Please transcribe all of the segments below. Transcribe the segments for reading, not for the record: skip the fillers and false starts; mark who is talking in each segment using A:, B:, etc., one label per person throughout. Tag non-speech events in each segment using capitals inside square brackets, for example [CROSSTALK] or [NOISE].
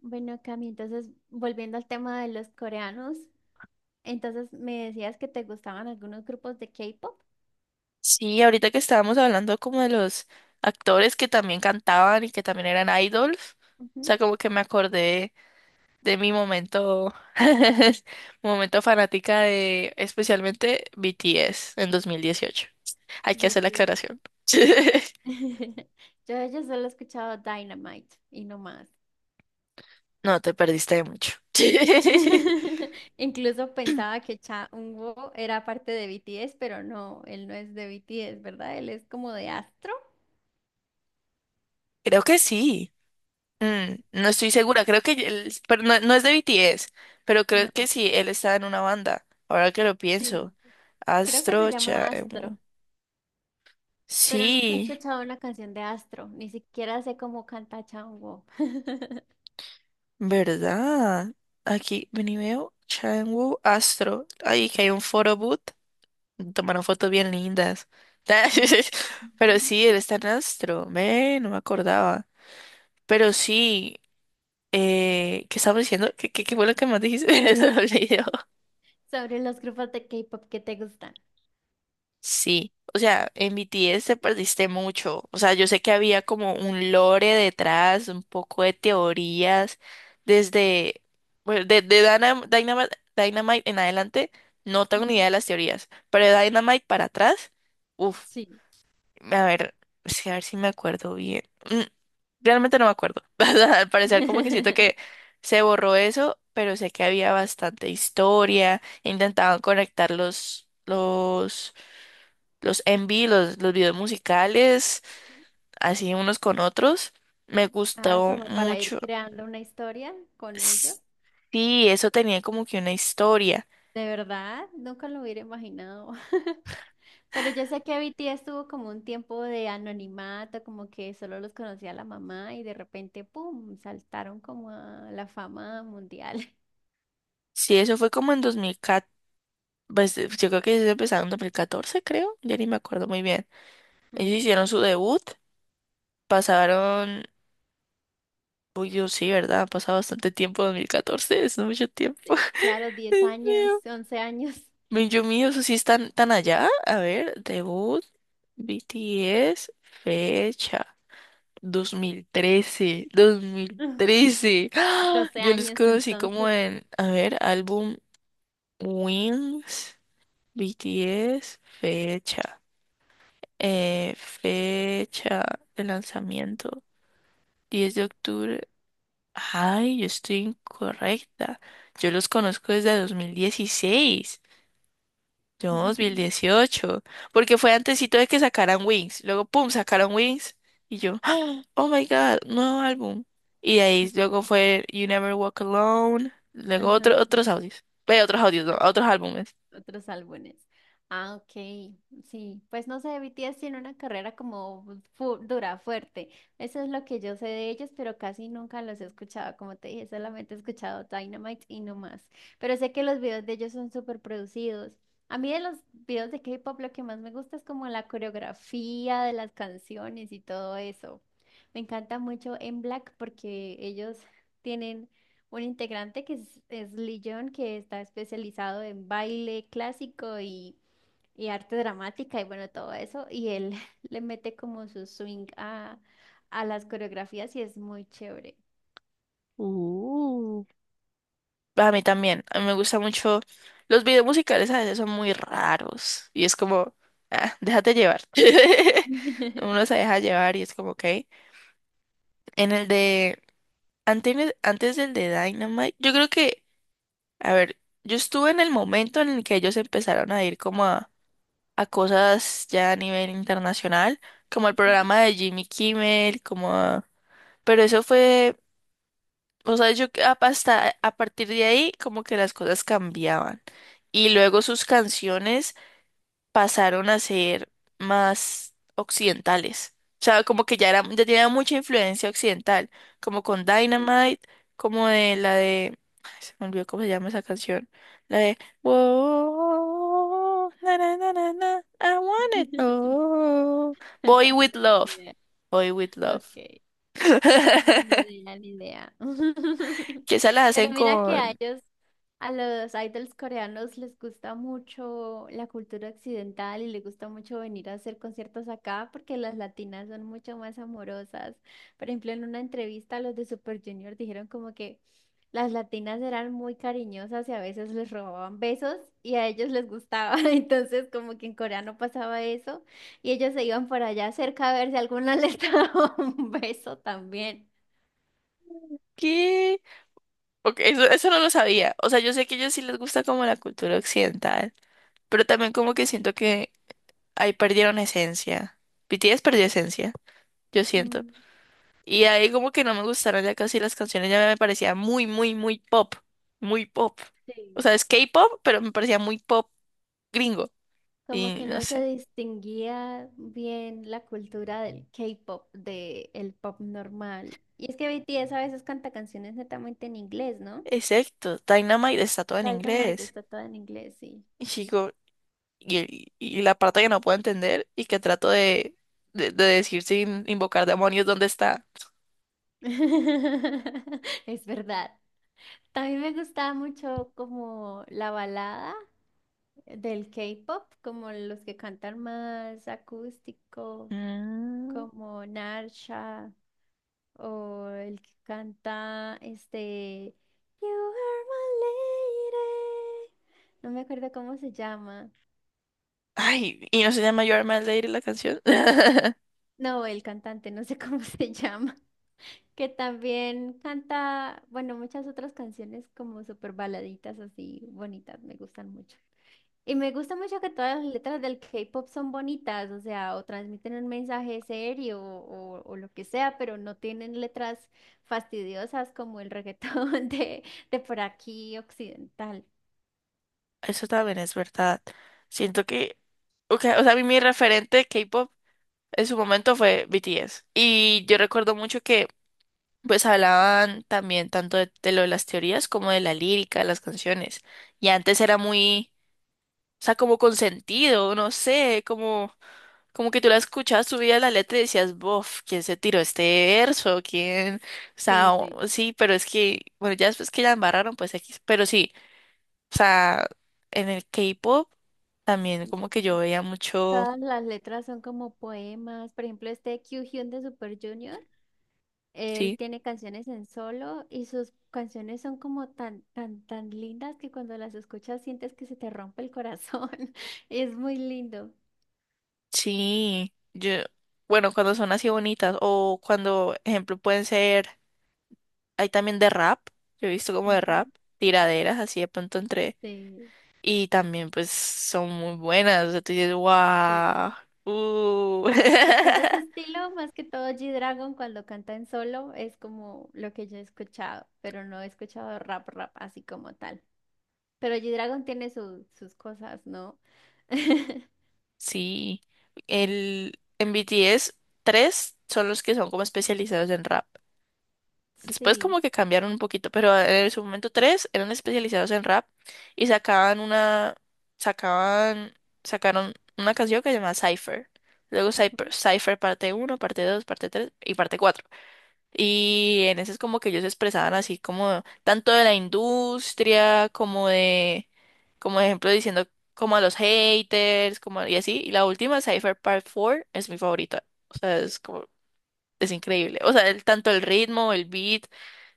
A: Bueno, Cami, entonces volviendo al tema de los coreanos, entonces me decías que te gustaban algunos grupos de K-pop.
B: Sí, ahorita que estábamos hablando como de los actores que también cantaban y que también eran idols, o
A: Ujú.
B: sea, como que me acordé de mi momento, [LAUGHS] momento fanática de especialmente BTS en 2018. Hay que hacer la
A: BTS.
B: aclaración. [LAUGHS]
A: Yo, [LAUGHS] yo de ellos solo he escuchado Dynamite y no más.
B: No, te perdiste de mucho. [LAUGHS]
A: [LAUGHS] Incluso pensaba que Cha Eun-woo era parte de BTS, pero no, él no es de BTS, ¿verdad? Él es como de Astro.
B: Creo que sí. Mm, no estoy
A: Sí,
B: segura, creo que pero no, no es de BTS, pero creo que
A: no,
B: sí, él estaba en una banda, ahora que lo pienso.
A: sí. Creo que se
B: Astro
A: llama Astro,
B: Chaemo.
A: pero nunca he
B: Sí,
A: escuchado una canción de Astro, ni siquiera sé cómo canta Cha Eun-woo. [LAUGHS]
B: ¿verdad? Aquí, ven y veo, Changwoo Astro. Ay, que hay un photo booth. Tomaron fotos bien lindas.
A: Ujú.
B: [LAUGHS] Pero sí, él está en Astro. Ve, no me acordaba. Pero sí, ¿qué estaba diciendo? ¿Qué fue lo que más dijiste? [LAUGHS] Se me olvidó.
A: Sobre los grupos de K-pop que te gustan.
B: Sí, o sea, en BTS te perdiste mucho. O sea, yo sé que había como un lore detrás, un poco de teorías, desde, bueno, de Dynamite, en adelante, no tengo ni idea
A: Ujú.
B: de las teorías, pero de Dynamite para atrás, uff,
A: Sí.
B: a ver, sí, a ver si me acuerdo bien. Mm, realmente no me acuerdo. [LAUGHS] Al parecer como que siento que
A: [LAUGHS]
B: se borró eso, pero sé que había bastante historia, intentaban conectar los MV, los videos musicales, así unos con otros. Me
A: Ah,
B: gustó
A: como para ir
B: mucho.
A: creando una historia con ellos.
B: S- Sí, eso tenía como que una historia.
A: De verdad, nunca lo hubiera imaginado. [LAUGHS] Pero yo sé que BTS tuvo como un tiempo de anonimato, como que solo los conocía la mamá y de repente, ¡pum!, saltaron como a la fama mundial. [LAUGHS]
B: Sí, eso fue como en 2014, pues yo creo que ellos empezaron en 2014, creo, ya ni me acuerdo muy bien. Ellos
A: Mm.
B: hicieron su debut, pasaron, uy, yo sí, ¿verdad? Ha pasado bastante tiempo, 2014, es mucho tiempo.
A: Sí, claro,
B: [LAUGHS]
A: diez
B: Dios
A: años,
B: mío.
A: once años,
B: Yo mío, eso sí están tan allá. A ver, debut, BTS, fecha. 2013,
A: [LAUGHS]
B: 2013. ¡Ah!
A: doce
B: Yo los
A: años
B: conocí como
A: entonces.
B: en, a ver, álbum Wings, BTS, fecha, fecha de lanzamiento, 10 de octubre. Ay, yo estoy incorrecta. Yo los conozco desde 2016. No, dos mil
A: [LAUGHS]
B: dieciocho porque fue antesito de que sacaran Wings, luego pum, sacaron Wings y yo, ¡ah! Oh my God, nuevo álbum. Y de ahí luego fue You Never Walk Alone, luego
A: Ajá.
B: otro, otros audios, ve otros audios, no,
A: Sí.
B: otros álbumes.
A: Otros álbumes. Ah, ok. Sí, pues no sé, BTS tiene una carrera como dura, fuerte. Eso es lo que yo sé de ellos, pero casi nunca los he escuchado. Como te dije, solamente he escuchado Dynamite y no más. Pero sé que los videos de ellos son súper producidos. A mí de los videos de K-pop lo que más me gusta es como la coreografía de las canciones y todo eso. Me encanta mucho en Black porque ellos tienen un integrante que es Lee Jong, que está especializado en baile clásico y arte dramática y bueno, todo eso. Y él [LAUGHS] le mete como su swing a las coreografías y es muy chévere.
B: Uh, A mí también, a mí me gusta mucho, los videos musicales a veces son muy raros y es como, ah, déjate llevar. [LAUGHS]
A: [LAUGHS]
B: Uno se deja llevar y es como, ok. En el de, antes, antes del de Dynamite, yo creo que a ver, yo estuve en el momento en el que ellos empezaron a ir como a cosas ya a nivel internacional, como el
A: Ujú.
B: programa de Jimmy Kimmel, como pero eso fue, o sea, hasta a partir de ahí como que las cosas cambiaban. Y luego sus canciones pasaron a ser más occidentales. O sea, como que ya era, ya tenía mucha influencia occidental, como con
A: Sí.
B: Dynamite, como ay, se me olvidó cómo se llama esa canción, la de Whoa, na, na, na, na, na, I want it
A: [LAUGHS]
B: all. Boy with
A: No, ni
B: Love,
A: idea.
B: Boy with Love.
A: Ok. No, ni
B: [LAUGHS]
A: idea, ni idea. [LAUGHS]
B: Que esa la
A: Pero
B: hacen
A: mira que a
B: con
A: ellos, a los idols coreanos les gusta mucho la cultura occidental y les gusta mucho venir a hacer conciertos acá porque las latinas son mucho más amorosas. Por ejemplo, en una entrevista los de Super Junior dijeron como que las latinas eran muy cariñosas y a veces les robaban besos y a ellos les gustaba. [LAUGHS] Entonces, como que en Corea no pasaba eso y ellos se iban por allá cerca a ver si alguna les [LAUGHS] daba un beso también.
B: ¿qué? Ok, eso no lo sabía. O sea, yo sé que a ellos sí les gusta como la cultura occidental, pero también como que siento que ahí perdieron esencia. BTS perdió esencia, yo siento.
A: Mm.
B: Y ahí como que no me gustaron ya casi las canciones, ya me parecía muy, muy, muy pop, muy pop. O
A: Sí.
B: sea, es K-pop, pero me parecía muy pop gringo.
A: Como
B: Y
A: que
B: no
A: no se
B: sé.
A: distinguía bien la cultura del K-pop, del pop normal. Y es que BTS a veces canta canciones netamente en inglés, ¿no?
B: Exacto, Dynamite está todo en
A: Dynamite
B: inglés.
A: está toda en inglés, sí.
B: Y chico, y la parte que no puedo entender y que trato de decir sin invocar demonios, ¿dónde está?
A: [LAUGHS] Es verdad. También me gustaba mucho como la balada del K-pop, como los que cantan más acústico,
B: Mm.
A: como Narsha. O el que canta este You are my lady. No me acuerdo cómo se llama.
B: Ay, y no se llama Your My Lady la canción. [LAUGHS]
A: No, el cantante, no sé cómo [LAUGHS] se llama. Que también canta, bueno, muchas otras canciones como súper baladitas así bonitas, me gustan mucho. Y me gusta mucho que todas las letras del K-pop son bonitas, o sea, o transmiten un mensaje serio o lo que sea, pero no tienen letras fastidiosas como el reggaetón [LAUGHS] de por aquí occidental.
B: Eso también es verdad. Siento que, okay, o sea, a mí mi referente de K-pop en su momento fue BTS. Y yo recuerdo mucho que, pues, hablaban también tanto de lo de las teorías como de la lírica, de las canciones. Y antes era muy, o sea, como consentido, no sé, como, como que tú la escuchabas, subías la letra y decías, bof, ¿quién se tiró este verso? ¿Quién? O sea,
A: Sí, sí.
B: sí, pero es que, bueno, ya después que la embarraron, pues, X. Pero sí. O sea, en el K-pop también como
A: Sí.
B: que yo veía mucho,
A: Todas las letras son como poemas. Por ejemplo, este Kyuhyun de Super Junior, él
B: sí,
A: tiene canciones en solo y sus canciones son como tan, tan, tan lindas que cuando las escuchas sientes que se te rompe el corazón. [LAUGHS] Es muy lindo.
B: sí, yo, bueno, cuando son así bonitas o cuando, ejemplo, pueden ser, hay también de rap, yo he visto como de
A: Ujú.
B: rap, tiraderas así de pronto entre,
A: Sí,
B: y también pues son muy buenas, o sea, tú dices, wow,
A: sí. Sí, pues
B: uh.
A: de ese estilo, más que todo G-Dragon cuando canta en solo, es como lo que yo he escuchado, pero no he escuchado rap rap así como tal. Pero G-Dragon tiene sus cosas, ¿no? [LAUGHS]
B: [LAUGHS] Sí, en B T S tres son los que son como especializados en rap. Después
A: Sí.
B: como que cambiaron un poquito, pero en su momento tres eran especializados en rap y sacaban, sacaron una canción que se llamaba Cypher. Luego Cypher,
A: Ujú.
B: Cypher parte uno parte 2 parte 3 y parte cuatro. Y en ese es como que ellos se expresaban así como tanto de la industria como de, como ejemplo diciendo como a los haters, como y así. Y la última, Cypher Part 4, es mi favorita. O sea, es como, es increíble. O sea, el, tanto el ritmo, el beat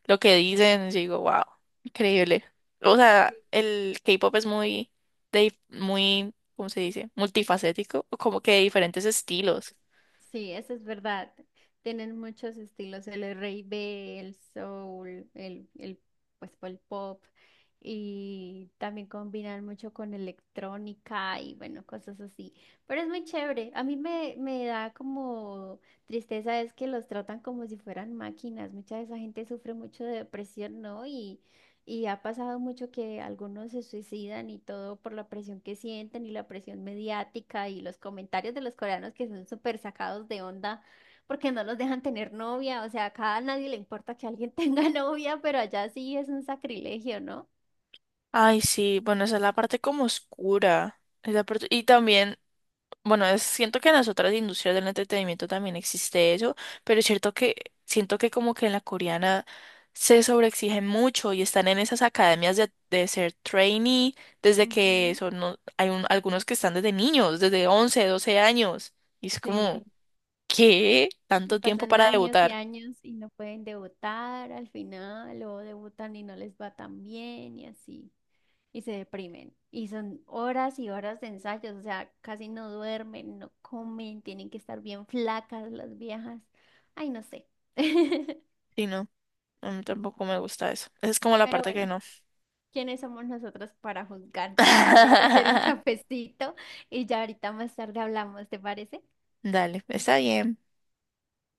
B: lo que dicen, yo digo, wow, increíble. O sea, el K-pop es muy, de, muy, ¿cómo se dice? Multifacético, o como que de diferentes estilos.
A: Sí, eso es verdad. Tienen muchos estilos, el R&B, el soul, pues, el pop, y también combinan mucho con electrónica y bueno, cosas así. Pero es muy chévere. A me da como tristeza es que los tratan como si fueran máquinas. Mucha de esa gente sufre mucho de depresión, ¿no? Y ha pasado mucho que algunos se suicidan y todo por la presión que sienten y la presión mediática y los comentarios de los coreanos que son súper sacados de onda porque no los dejan tener novia. O sea, acá a nadie le importa que alguien [LAUGHS] tenga novia, pero allá sí es un sacrilegio, ¿no?
B: Ay, sí, bueno, esa es la parte como oscura. Y también bueno, siento que en las otras industrias del entretenimiento también existe eso, pero es cierto que siento que como que en la coreana se sobreexigen mucho y están en esas academias de ser trainee desde que
A: Ujú.
B: son, algunos que están desde niños, desde 11 12 años. Y es
A: Sí,
B: como, ¿qué?
A: y
B: ¿Tanto tiempo
A: pasan
B: para
A: años y
B: debutar?
A: años y no pueden debutar al final o debutan y no les va tan bien y así, y se deprimen. Y son horas y horas de ensayos, o sea, casi no duermen, no comen, tienen que estar bien flacas las viejas. Ay, no sé. [LAUGHS]
B: Sí, no, a mí tampoco me gusta eso. Esa es como la
A: Pero
B: parte que
A: bueno,
B: no.
A: ¿quiénes somos nosotros para juzgar? Yo me voy a ir a hacer un
B: [LAUGHS]
A: cafecito y ya ahorita más tarde hablamos, ¿te parece?
B: Dale, está bien.